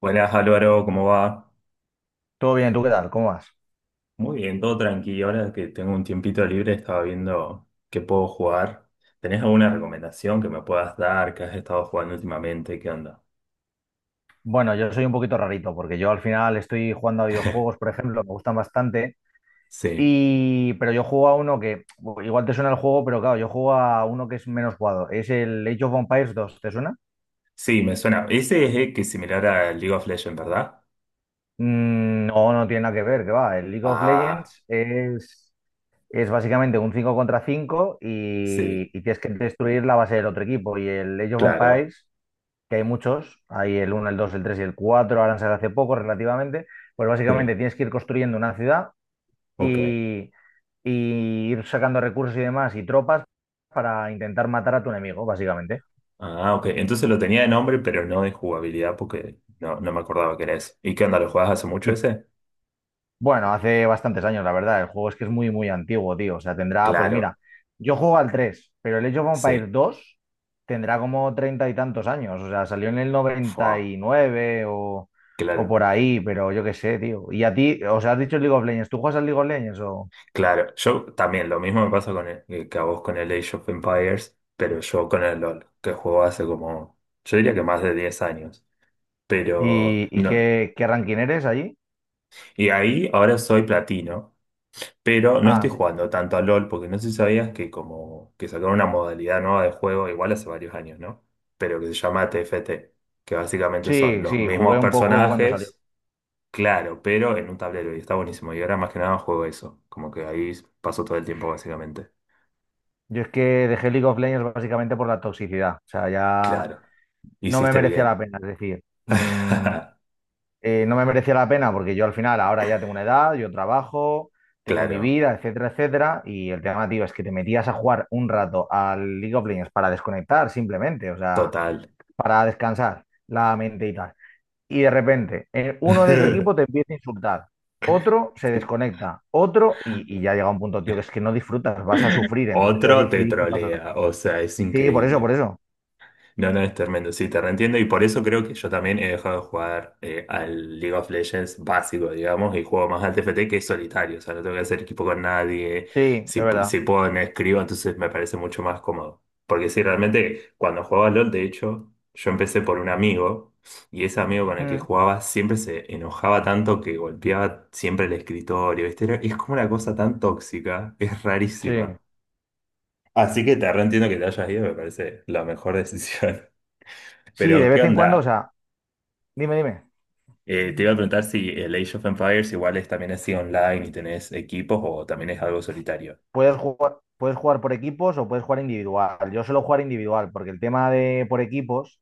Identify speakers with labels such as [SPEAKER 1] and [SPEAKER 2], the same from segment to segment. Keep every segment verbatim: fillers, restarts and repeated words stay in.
[SPEAKER 1] Buenas Álvaro, ¿cómo va?
[SPEAKER 2] Todo bien, ¿tú qué tal? ¿Cómo vas?
[SPEAKER 1] Muy bien, todo tranquilo. Ahora que tengo un tiempito libre, estaba viendo qué puedo jugar. ¿Tenés alguna recomendación que me puedas dar? ¿Qué has estado jugando últimamente? ¿Qué onda?
[SPEAKER 2] Bueno, yo soy un poquito rarito porque yo al final estoy jugando a videojuegos, por ejemplo, me gustan bastante,
[SPEAKER 1] Sí,
[SPEAKER 2] y... pero yo juego a uno que bu- igual te suena el juego, pero claro, yo juego a uno que es menos jugado. Es el Age of Empires dos, ¿te suena?
[SPEAKER 1] sí, me suena. Ese es el que es similar a League of Legends, ¿verdad?
[SPEAKER 2] Mm, no, no tiene nada que ver, que va. El League of
[SPEAKER 1] Ah,
[SPEAKER 2] Legends es, es básicamente un cinco contra cinco y...
[SPEAKER 1] sí,
[SPEAKER 2] y tienes que destruir la base del otro equipo. Y el Age of
[SPEAKER 1] claro,
[SPEAKER 2] Empires, que hay muchos, hay el uno, el dos, el tres y el cuatro, ahora han salido hace poco relativamente, pues básicamente
[SPEAKER 1] sí,
[SPEAKER 2] tienes que ir construyendo una ciudad
[SPEAKER 1] ok.
[SPEAKER 2] y, y ir sacando recursos y demás y tropas para intentar matar a tu enemigo, básicamente.
[SPEAKER 1] Ah, ok. Entonces lo tenía de nombre, pero no de jugabilidad porque no, no me acordaba que era eso. ¿Y qué onda? ¿Lo jugabas hace mucho
[SPEAKER 2] Y
[SPEAKER 1] ese?
[SPEAKER 2] Bueno, hace bastantes años, la verdad. El juego es que es muy, muy antiguo, tío. O sea, tendrá, pues
[SPEAKER 1] Claro,
[SPEAKER 2] mira, yo juego al tres, pero el Age of Empires
[SPEAKER 1] sí.
[SPEAKER 2] dos tendrá como treinta y tantos años. O sea, salió en el
[SPEAKER 1] Fua,
[SPEAKER 2] noventa y nueve o, o
[SPEAKER 1] claro.
[SPEAKER 2] por ahí, pero yo qué sé, tío. Y a ti, o sea, has dicho League of Legends. ¿Tú juegas al League of Legends o...?
[SPEAKER 1] Claro, yo también, lo mismo me pasa con el- eh, que a vos con el Age of Empires, pero yo con el LOL, que juego hace como, yo diría que más de diez años, pero
[SPEAKER 2] ¿Y, y
[SPEAKER 1] no.
[SPEAKER 2] qué, qué ranking eres allí?
[SPEAKER 1] Y ahí ahora soy platino, pero no
[SPEAKER 2] Ah,
[SPEAKER 1] estoy
[SPEAKER 2] sí.
[SPEAKER 1] jugando tanto al LOL, porque no sé si sabías que como que sacaron una modalidad nueva de juego, igual hace varios años, ¿no? Pero que se llama T F T, que básicamente son
[SPEAKER 2] Sí,
[SPEAKER 1] los
[SPEAKER 2] sí,
[SPEAKER 1] mismos
[SPEAKER 2] jugué un poco cuando salió.
[SPEAKER 1] personajes, claro, pero en un tablero, y está buenísimo, y ahora más que nada juego eso, como que ahí paso todo el tiempo básicamente.
[SPEAKER 2] Yo es que dejé League of Legends básicamente por la toxicidad. O sea, ya
[SPEAKER 1] Claro,
[SPEAKER 2] no me
[SPEAKER 1] hiciste
[SPEAKER 2] merecía la
[SPEAKER 1] bien.
[SPEAKER 2] pena. Es decir, mm, eh, no me merecía la pena porque yo al final ahora ya tengo una edad, yo trabajo, tengo mi
[SPEAKER 1] Claro,
[SPEAKER 2] vida, etcétera, etcétera. Y el tema, tío, es que te metías a jugar un rato al League of Legends para desconectar simplemente, o sea,
[SPEAKER 1] total.
[SPEAKER 2] para descansar la mente y tal. Y de repente, eh, uno de tu equipo te empieza a insultar, otro se desconecta, otro, y, y ya llega un punto, tío, que es que no disfrutas, vas a sufrir. Entonces yo
[SPEAKER 1] Otro te
[SPEAKER 2] decidí qué pasa.
[SPEAKER 1] trolea, o sea, es
[SPEAKER 2] Sí, por eso, por
[SPEAKER 1] increíble.
[SPEAKER 2] eso.
[SPEAKER 1] No, no, es tremendo, sí, te reentiendo y por eso creo que yo también he dejado de jugar eh, al League of Legends básico, digamos, y juego más al T F T que es solitario, o sea, no tengo que hacer equipo con nadie,
[SPEAKER 2] Sí,
[SPEAKER 1] si,
[SPEAKER 2] es
[SPEAKER 1] pu-
[SPEAKER 2] verdad.
[SPEAKER 1] si puedo me escribo, entonces me parece mucho más cómodo. Porque sí, realmente cuando jugaba LOL, de hecho, yo empecé por un amigo y ese amigo con el que
[SPEAKER 2] Mm,
[SPEAKER 1] jugaba siempre se enojaba tanto que golpeaba siempre el escritorio, ¿viste? Era- es como una cosa tan tóxica, es
[SPEAKER 2] sí.
[SPEAKER 1] rarísima. Así que te reentiendo que te hayas ido, me parece la mejor decisión.
[SPEAKER 2] Sí, de
[SPEAKER 1] Pero, ¿qué
[SPEAKER 2] vez en cuando, o
[SPEAKER 1] onda?
[SPEAKER 2] sea, dime, dime.
[SPEAKER 1] Eh, te iba a preguntar si el Age of Empires igual es, también así online y tenés equipos o también es algo solitario.
[SPEAKER 2] Puedes jugar, puedes jugar por equipos o puedes jugar individual. Yo suelo jugar individual porque el tema de por equipos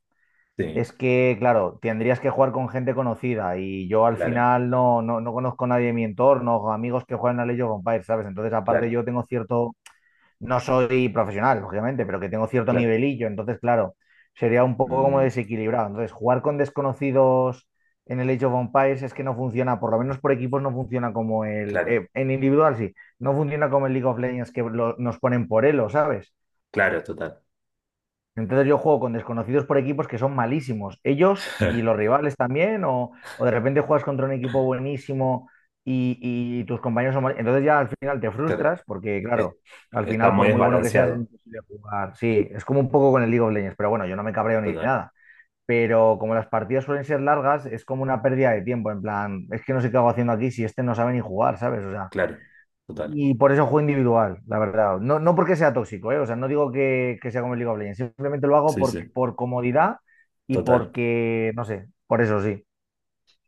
[SPEAKER 1] Sí,
[SPEAKER 2] es que, claro, tendrías que jugar con gente conocida y yo al
[SPEAKER 1] claro,
[SPEAKER 2] final no, no, no conozco a nadie de mi entorno, amigos que juegan a Age of Empires, ¿sabes? Entonces, aparte,
[SPEAKER 1] claro,
[SPEAKER 2] yo tengo cierto, no soy profesional, lógicamente, pero que tengo cierto
[SPEAKER 1] claro.
[SPEAKER 2] nivelillo, entonces, claro, sería un poco como
[SPEAKER 1] Mm,
[SPEAKER 2] desequilibrado. Entonces, jugar con desconocidos en el Age of Empires es que no funciona, por lo menos por equipos no funciona como el...
[SPEAKER 1] claro,
[SPEAKER 2] eh, en individual sí, no funciona como el League of Legends que lo- nos ponen por elo, ¿sabes?
[SPEAKER 1] claro, total.
[SPEAKER 2] Entonces yo juego con desconocidos por equipos que son malísimos, ellos y los rivales también, o, o de repente juegas contra un equipo buenísimo y, y tus compañeros son mal- Entonces ya al final te
[SPEAKER 1] Claro,
[SPEAKER 2] frustras porque,
[SPEAKER 1] es-
[SPEAKER 2] claro, al
[SPEAKER 1] está
[SPEAKER 2] final
[SPEAKER 1] muy
[SPEAKER 2] por muy bueno que seas es
[SPEAKER 1] desbalanceado.
[SPEAKER 2] imposible jugar. Sí, es como un poco con el League of Legends, pero bueno, yo no me cabreo ni
[SPEAKER 1] Total,
[SPEAKER 2] nada. Pero como las partidas suelen ser largas, es como una pérdida de tiempo, en plan, es que no sé qué hago haciendo aquí si este no sabe ni jugar, ¿sabes? O sea,
[SPEAKER 1] claro, total.
[SPEAKER 2] y por eso juego individual, la verdad. No, no porque sea tóxico, ¿eh? O sea, no digo que, que sea como el League of Legends. Simplemente lo hago
[SPEAKER 1] Sí,
[SPEAKER 2] por,
[SPEAKER 1] sí,
[SPEAKER 2] por comodidad y
[SPEAKER 1] total.
[SPEAKER 2] porque, no sé, por eso sí.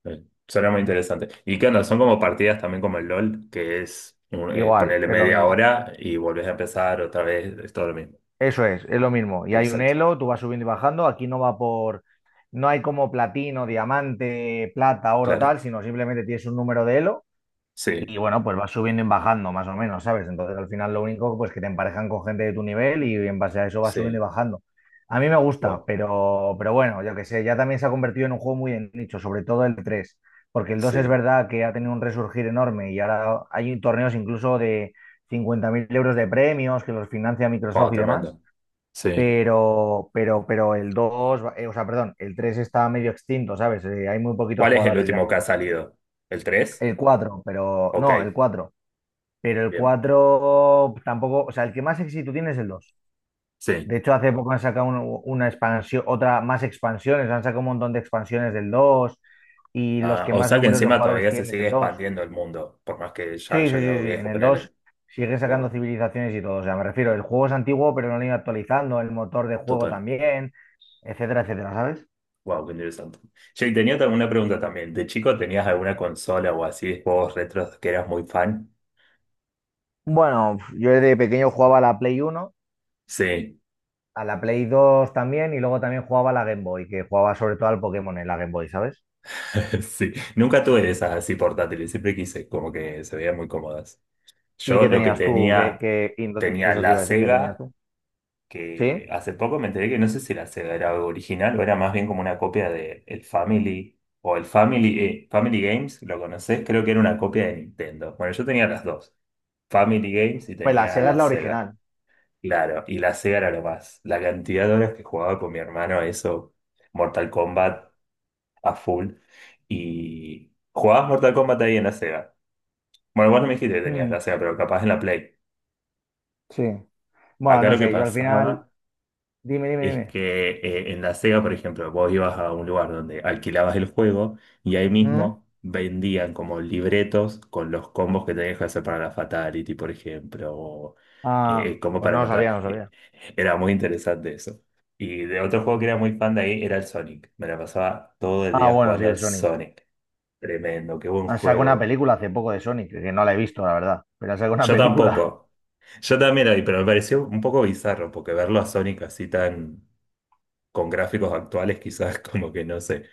[SPEAKER 1] Eh, Suena muy interesante. ¿Y qué onda? Son como partidas también como el LOL, que es un- eh,
[SPEAKER 2] Igual,
[SPEAKER 1] ponerle
[SPEAKER 2] es lo
[SPEAKER 1] media
[SPEAKER 2] mismo.
[SPEAKER 1] hora y volvés a empezar otra vez, es todo lo mismo.
[SPEAKER 2] Eso es, es lo mismo. Y hay un
[SPEAKER 1] Exacto,
[SPEAKER 2] elo, tú vas subiendo y bajando. Aquí no va por... No hay como platino, diamante, plata, oro,
[SPEAKER 1] claro.
[SPEAKER 2] tal, sino simplemente tienes un número de elo. Y
[SPEAKER 1] Sí,
[SPEAKER 2] bueno, pues vas subiendo y bajando, más o menos, ¿sabes? Entonces al final lo único pues que te emparejan con gente de tu nivel y en base a eso vas subiendo y
[SPEAKER 1] sí,
[SPEAKER 2] bajando. A mí me gusta,
[SPEAKER 1] wow,
[SPEAKER 2] pero, pero bueno, yo que sé, ya también se ha convertido en un juego muy de nicho, sobre todo el tres porque el dos es
[SPEAKER 1] sí,
[SPEAKER 2] verdad que ha tenido un resurgir enorme y ahora hay torneos incluso de cincuenta mil euros de premios que los financia
[SPEAKER 1] wow,
[SPEAKER 2] Microsoft y demás,
[SPEAKER 1] tremendo. Sí.
[SPEAKER 2] pero, pero, pero el dos, eh, o sea, perdón, el tres está medio extinto, ¿sabes? Eh, hay muy poquitos
[SPEAKER 1] ¿Cuál es el
[SPEAKER 2] jugadores ya.
[SPEAKER 1] último que ha salido? ¿El tres?
[SPEAKER 2] El cuatro, pero
[SPEAKER 1] Ok,
[SPEAKER 2] no, el cuatro, pero el
[SPEAKER 1] bien,
[SPEAKER 2] cuatro tampoco, o sea, el que más éxito tiene es el dos.
[SPEAKER 1] sí.
[SPEAKER 2] De hecho, hace poco han sacado un- una expansión, otra más, expansiones, han sacado un montón de expansiones del dos y los
[SPEAKER 1] Ah,
[SPEAKER 2] que
[SPEAKER 1] o
[SPEAKER 2] más
[SPEAKER 1] sea que
[SPEAKER 2] números de
[SPEAKER 1] encima
[SPEAKER 2] jugadores
[SPEAKER 1] todavía se
[SPEAKER 2] tienen es
[SPEAKER 1] sigue
[SPEAKER 2] el dos.
[SPEAKER 1] expandiendo el mundo, por más que ya
[SPEAKER 2] Sí, sí,
[SPEAKER 1] haya quedado
[SPEAKER 2] sí, sí, en
[SPEAKER 1] viejo,
[SPEAKER 2] el dos
[SPEAKER 1] ponele.
[SPEAKER 2] sigue sacando
[SPEAKER 1] Wow,
[SPEAKER 2] civilizaciones y todo. O sea, me refiero, el juego es antiguo, pero no lo han ido actualizando, el motor de juego
[SPEAKER 1] total.
[SPEAKER 2] también, etcétera, etcétera, ¿sabes?
[SPEAKER 1] Wow, qué interesante. Che, tenía tam- una pregunta también. ¿De chico tenías alguna consola o así de juegos retros que eras muy fan?
[SPEAKER 2] Bueno, yo de pequeño jugaba a la Play uno,
[SPEAKER 1] Sí,
[SPEAKER 2] a la Play dos también y luego también jugaba a la Game Boy, que jugaba sobre todo al Pokémon en la Game Boy, ¿sabes?
[SPEAKER 1] sí. Nunca tuve de esas así portátiles, siempre quise, como que se veían muy cómodas.
[SPEAKER 2] ¿Y
[SPEAKER 1] Yo
[SPEAKER 2] qué
[SPEAKER 1] lo que
[SPEAKER 2] tenías tú? ¿Qué,
[SPEAKER 1] tenía,
[SPEAKER 2] qué- y no-
[SPEAKER 1] tenía
[SPEAKER 2] eso te
[SPEAKER 1] la
[SPEAKER 2] iba a decir, qué tenías
[SPEAKER 1] Sega,
[SPEAKER 2] tú?
[SPEAKER 1] que
[SPEAKER 2] ¿Sí?
[SPEAKER 1] hace poco me enteré que no sé si la Sega era original o era más bien como una copia de el Family o el Family, eh, Family Games, ¿lo conocés? Creo que era una copia de Nintendo. Bueno, yo tenía las dos, Family Games y
[SPEAKER 2] Pues la
[SPEAKER 1] tenía
[SPEAKER 2] Sega es
[SPEAKER 1] la
[SPEAKER 2] la
[SPEAKER 1] Sega.
[SPEAKER 2] original.
[SPEAKER 1] Claro, y la Sega era lo más. La cantidad de horas que jugaba con mi hermano, a eso, Mortal Kombat a full. Y jugabas Mortal Kombat ahí en la Sega. Bueno, vos no me dijiste que tenías
[SPEAKER 2] Mm,
[SPEAKER 1] la Sega, pero capaz en la Play.
[SPEAKER 2] sí. Bueno,
[SPEAKER 1] Acá
[SPEAKER 2] no
[SPEAKER 1] lo que
[SPEAKER 2] sé, yo al final.
[SPEAKER 1] pasaba
[SPEAKER 2] Dime, dime,
[SPEAKER 1] es
[SPEAKER 2] dime.
[SPEAKER 1] que eh, en la Sega, por ejemplo, vos ibas a un lugar donde alquilabas el juego y ahí
[SPEAKER 2] ¿Mm?
[SPEAKER 1] mismo vendían como libretos con los combos que tenías que hacer para la Fatality, por ejemplo, o eh,
[SPEAKER 2] Ah,
[SPEAKER 1] eh, como
[SPEAKER 2] pues
[SPEAKER 1] para
[SPEAKER 2] no lo
[SPEAKER 1] matar.
[SPEAKER 2] sabía, no lo
[SPEAKER 1] Y
[SPEAKER 2] sabía.
[SPEAKER 1] era muy interesante eso. Y de otro juego que era muy fan de ahí era el Sonic. Me la pasaba todo el
[SPEAKER 2] Ah,
[SPEAKER 1] día
[SPEAKER 2] bueno, sí,
[SPEAKER 1] jugando al
[SPEAKER 2] el Sonic.
[SPEAKER 1] Sonic. Tremendo, qué buen
[SPEAKER 2] Han sacado una
[SPEAKER 1] juego.
[SPEAKER 2] película hace poco de Sonic, que no la he visto, la verdad. Pero han sacado una
[SPEAKER 1] Yo
[SPEAKER 2] película.
[SPEAKER 1] tampoco. Yo también ahí, pero me pareció un poco bizarro porque verlo a Sonic así tan con gráficos actuales quizás como que no sé,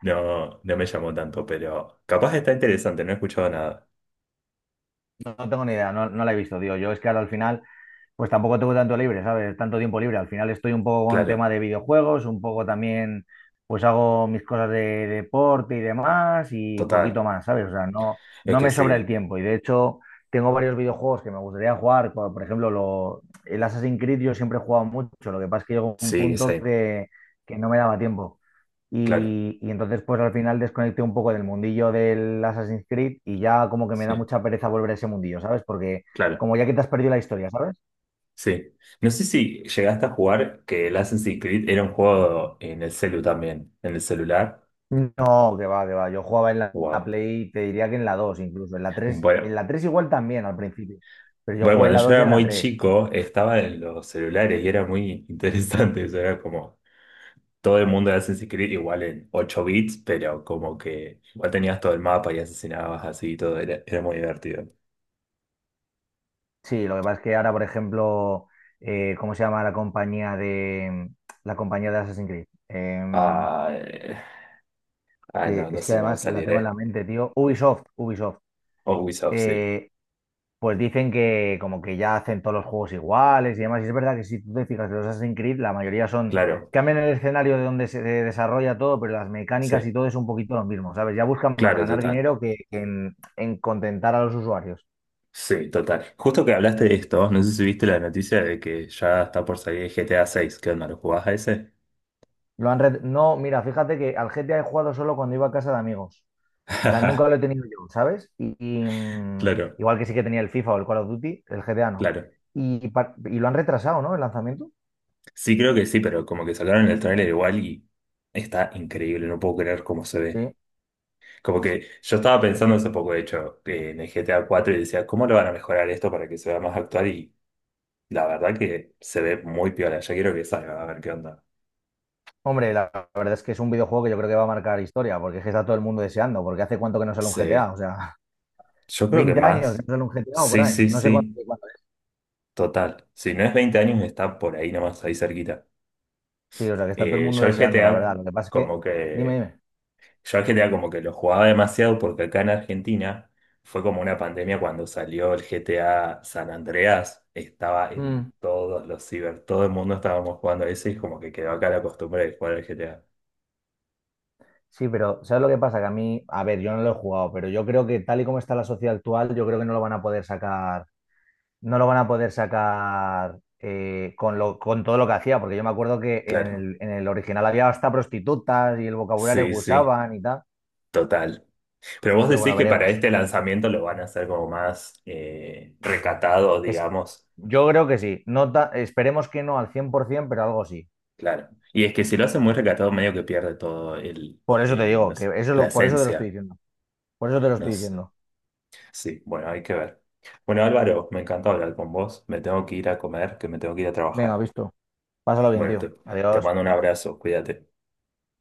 [SPEAKER 1] no, no me llamó tanto, pero capaz está interesante, no he escuchado nada.
[SPEAKER 2] No, no tengo ni idea, no, no la he visto, tío. Yo es que ahora al final pues tampoco tengo tanto libre, ¿sabes? Tanto tiempo libre. Al final estoy un poco con
[SPEAKER 1] Claro,
[SPEAKER 2] tema de videojuegos, un poco también, pues hago mis cosas de, deporte y demás y
[SPEAKER 1] total.
[SPEAKER 2] poquito más, ¿sabes? O sea, no,
[SPEAKER 1] Es
[SPEAKER 2] no
[SPEAKER 1] que
[SPEAKER 2] me sobra el
[SPEAKER 1] sí,
[SPEAKER 2] tiempo y de hecho tengo varios videojuegos que me gustaría jugar, como, por ejemplo, lo, el Assassin's Creed yo siempre he jugado mucho, lo que pasa es que llegó un
[SPEAKER 1] sí,
[SPEAKER 2] punto
[SPEAKER 1] sí,
[SPEAKER 2] que, que no me daba tiempo.
[SPEAKER 1] claro,
[SPEAKER 2] Y, y entonces pues al final desconecté un poco del mundillo del Assassin's Creed y ya como que me da
[SPEAKER 1] sí,
[SPEAKER 2] mucha pereza volver a ese mundillo, ¿sabes? Porque
[SPEAKER 1] claro,
[SPEAKER 2] como ya que te has perdido la historia, ¿sabes?
[SPEAKER 1] sí. No sé si llegaste a jugar que el Assassin's Creed era un juego en el celu también, en el celular.
[SPEAKER 2] No, que va, que va. Yo jugaba en la la
[SPEAKER 1] Wow.
[SPEAKER 2] Play, te diría que en la dos, incluso. En la tres, en
[SPEAKER 1] Bueno,
[SPEAKER 2] la tres igual también al principio. Pero yo
[SPEAKER 1] bueno,
[SPEAKER 2] jugué en
[SPEAKER 1] cuando
[SPEAKER 2] la
[SPEAKER 1] yo
[SPEAKER 2] dos y
[SPEAKER 1] era
[SPEAKER 2] en la
[SPEAKER 1] muy
[SPEAKER 2] tres.
[SPEAKER 1] chico, estaba en los celulares y era muy interesante, eso era como todo el mundo de Assassin's Creed igual en ocho bits, pero como que igual tenías todo el mapa y asesinabas así y todo, era, era muy divertido.
[SPEAKER 2] Sí, lo que pasa es que ahora, por ejemplo, eh, ¿cómo se llama la compañía de la compañía de Assassin's Creed? Em,
[SPEAKER 1] Ah, eh, ay,
[SPEAKER 2] que
[SPEAKER 1] no, no
[SPEAKER 2] es
[SPEAKER 1] sé
[SPEAKER 2] que
[SPEAKER 1] si me va a
[SPEAKER 2] además la
[SPEAKER 1] salir,
[SPEAKER 2] tengo en la
[SPEAKER 1] ¿eh?
[SPEAKER 2] mente, tío. Ubisoft, Ubisoft.
[SPEAKER 1] O Ubisoft, sí.
[SPEAKER 2] Eh, Pues dicen que como que ya hacen todos los juegos iguales y demás. Y es verdad que si tú te fijas de los Assassin's Creed, la mayoría son,
[SPEAKER 1] Claro,
[SPEAKER 2] cambian el escenario de donde se de- desarrolla todo, pero las
[SPEAKER 1] sí,
[SPEAKER 2] mecánicas y todo es un poquito lo mismo, ¿sabes? Ya buscan más
[SPEAKER 1] claro,
[SPEAKER 2] ganar
[SPEAKER 1] total.
[SPEAKER 2] dinero que que en, en contentar a los usuarios.
[SPEAKER 1] Sí, total. Justo que hablaste de esto, no sé si viste la noticia de que ya está por salir G T A seis. ¿Qué onda? ¿Lo jugás a ese?
[SPEAKER 2] Lo han red- no, mira, fíjate que al G T A he jugado solo cuando iba a casa de amigos. O sea, nunca lo he tenido yo, ¿sabes? Y, y, mm,
[SPEAKER 1] Claro,
[SPEAKER 2] igual que sí que tenía el FIFA o el Call of Duty, el G T A no.
[SPEAKER 1] claro.
[SPEAKER 2] Y, par- y lo han retrasado, ¿no? El lanzamiento.
[SPEAKER 1] Sí, creo que sí, pero como que sacaron el tráiler igual y está increíble, no puedo creer cómo se ve.
[SPEAKER 2] Sí.
[SPEAKER 1] Como que yo estaba pensando hace poco, de hecho, que en el G T A cuatro y decía, ¿cómo lo van a mejorar esto para que se vea más actual? Y la verdad que se ve muy piola. Ya quiero que salga, a ver qué onda.
[SPEAKER 2] Hombre, la la verdad es que es un videojuego que yo creo que va a marcar historia, porque es que está todo el mundo deseando, porque hace cuánto que no sale un
[SPEAKER 1] Sí,
[SPEAKER 2] G T A, o sea,
[SPEAKER 1] yo creo que
[SPEAKER 2] veinte años que no
[SPEAKER 1] más.
[SPEAKER 2] sale un G T A o por
[SPEAKER 1] Sí,
[SPEAKER 2] ahí,
[SPEAKER 1] sí,
[SPEAKER 2] no sé cuánto,
[SPEAKER 1] sí,
[SPEAKER 2] cuánto es.
[SPEAKER 1] total. Si no es veinte años, está por ahí nomás, ahí cerquita.
[SPEAKER 2] Sí, o sea, que está todo el mundo
[SPEAKER 1] Eh, yo el
[SPEAKER 2] deseando, la
[SPEAKER 1] GTA,
[SPEAKER 2] verdad. Lo que pasa es que,
[SPEAKER 1] como
[SPEAKER 2] dime,
[SPEAKER 1] que
[SPEAKER 2] dime.
[SPEAKER 1] Yo al G T A como que lo jugaba demasiado porque acá en Argentina fue como una pandemia cuando salió el G T A San Andreas, estaba
[SPEAKER 2] Mm,
[SPEAKER 1] en todos los ciber, todo el mundo estábamos jugando ese y como que quedó acá la costumbre de jugar al G T A.
[SPEAKER 2] sí, pero ¿sabes lo que pasa? Que a mí, a ver, yo no lo he jugado, pero yo creo que tal y como está la sociedad actual, yo creo que no lo van a poder sacar, no lo van a poder sacar, eh, con lo, con todo lo que hacía, porque yo me acuerdo que en
[SPEAKER 1] Claro,
[SPEAKER 2] el, en el original había hasta prostitutas y el vocabulario
[SPEAKER 1] sí,
[SPEAKER 2] que
[SPEAKER 1] sí,
[SPEAKER 2] usaban y tal,
[SPEAKER 1] total. Pero vos
[SPEAKER 2] pero bueno,
[SPEAKER 1] decís que para
[SPEAKER 2] veremos.
[SPEAKER 1] este lanzamiento lo van a hacer como más eh, recatado,
[SPEAKER 2] Es,
[SPEAKER 1] digamos.
[SPEAKER 2] yo creo que sí. No ta- esperemos que no al cien por ciento, pero algo sí.
[SPEAKER 1] Claro. Y es que si lo hacen muy recatado, medio que pierde todo el,
[SPEAKER 2] Por eso te
[SPEAKER 1] el, no
[SPEAKER 2] digo, que
[SPEAKER 1] sé,
[SPEAKER 2] eso es
[SPEAKER 1] la
[SPEAKER 2] lo, por eso te lo estoy
[SPEAKER 1] esencia.
[SPEAKER 2] diciendo. Por eso te lo
[SPEAKER 1] No
[SPEAKER 2] estoy
[SPEAKER 1] sé.
[SPEAKER 2] diciendo.
[SPEAKER 1] Sí, bueno, hay que ver. Bueno, Álvaro, me encanta hablar con vos. Me tengo que ir a comer, que me tengo que ir a
[SPEAKER 2] Venga,
[SPEAKER 1] trabajar.
[SPEAKER 2] visto. Pásalo bien,
[SPEAKER 1] Bueno,
[SPEAKER 2] tío.
[SPEAKER 1] te, te
[SPEAKER 2] Adiós.
[SPEAKER 1] mando un abrazo, cuídate.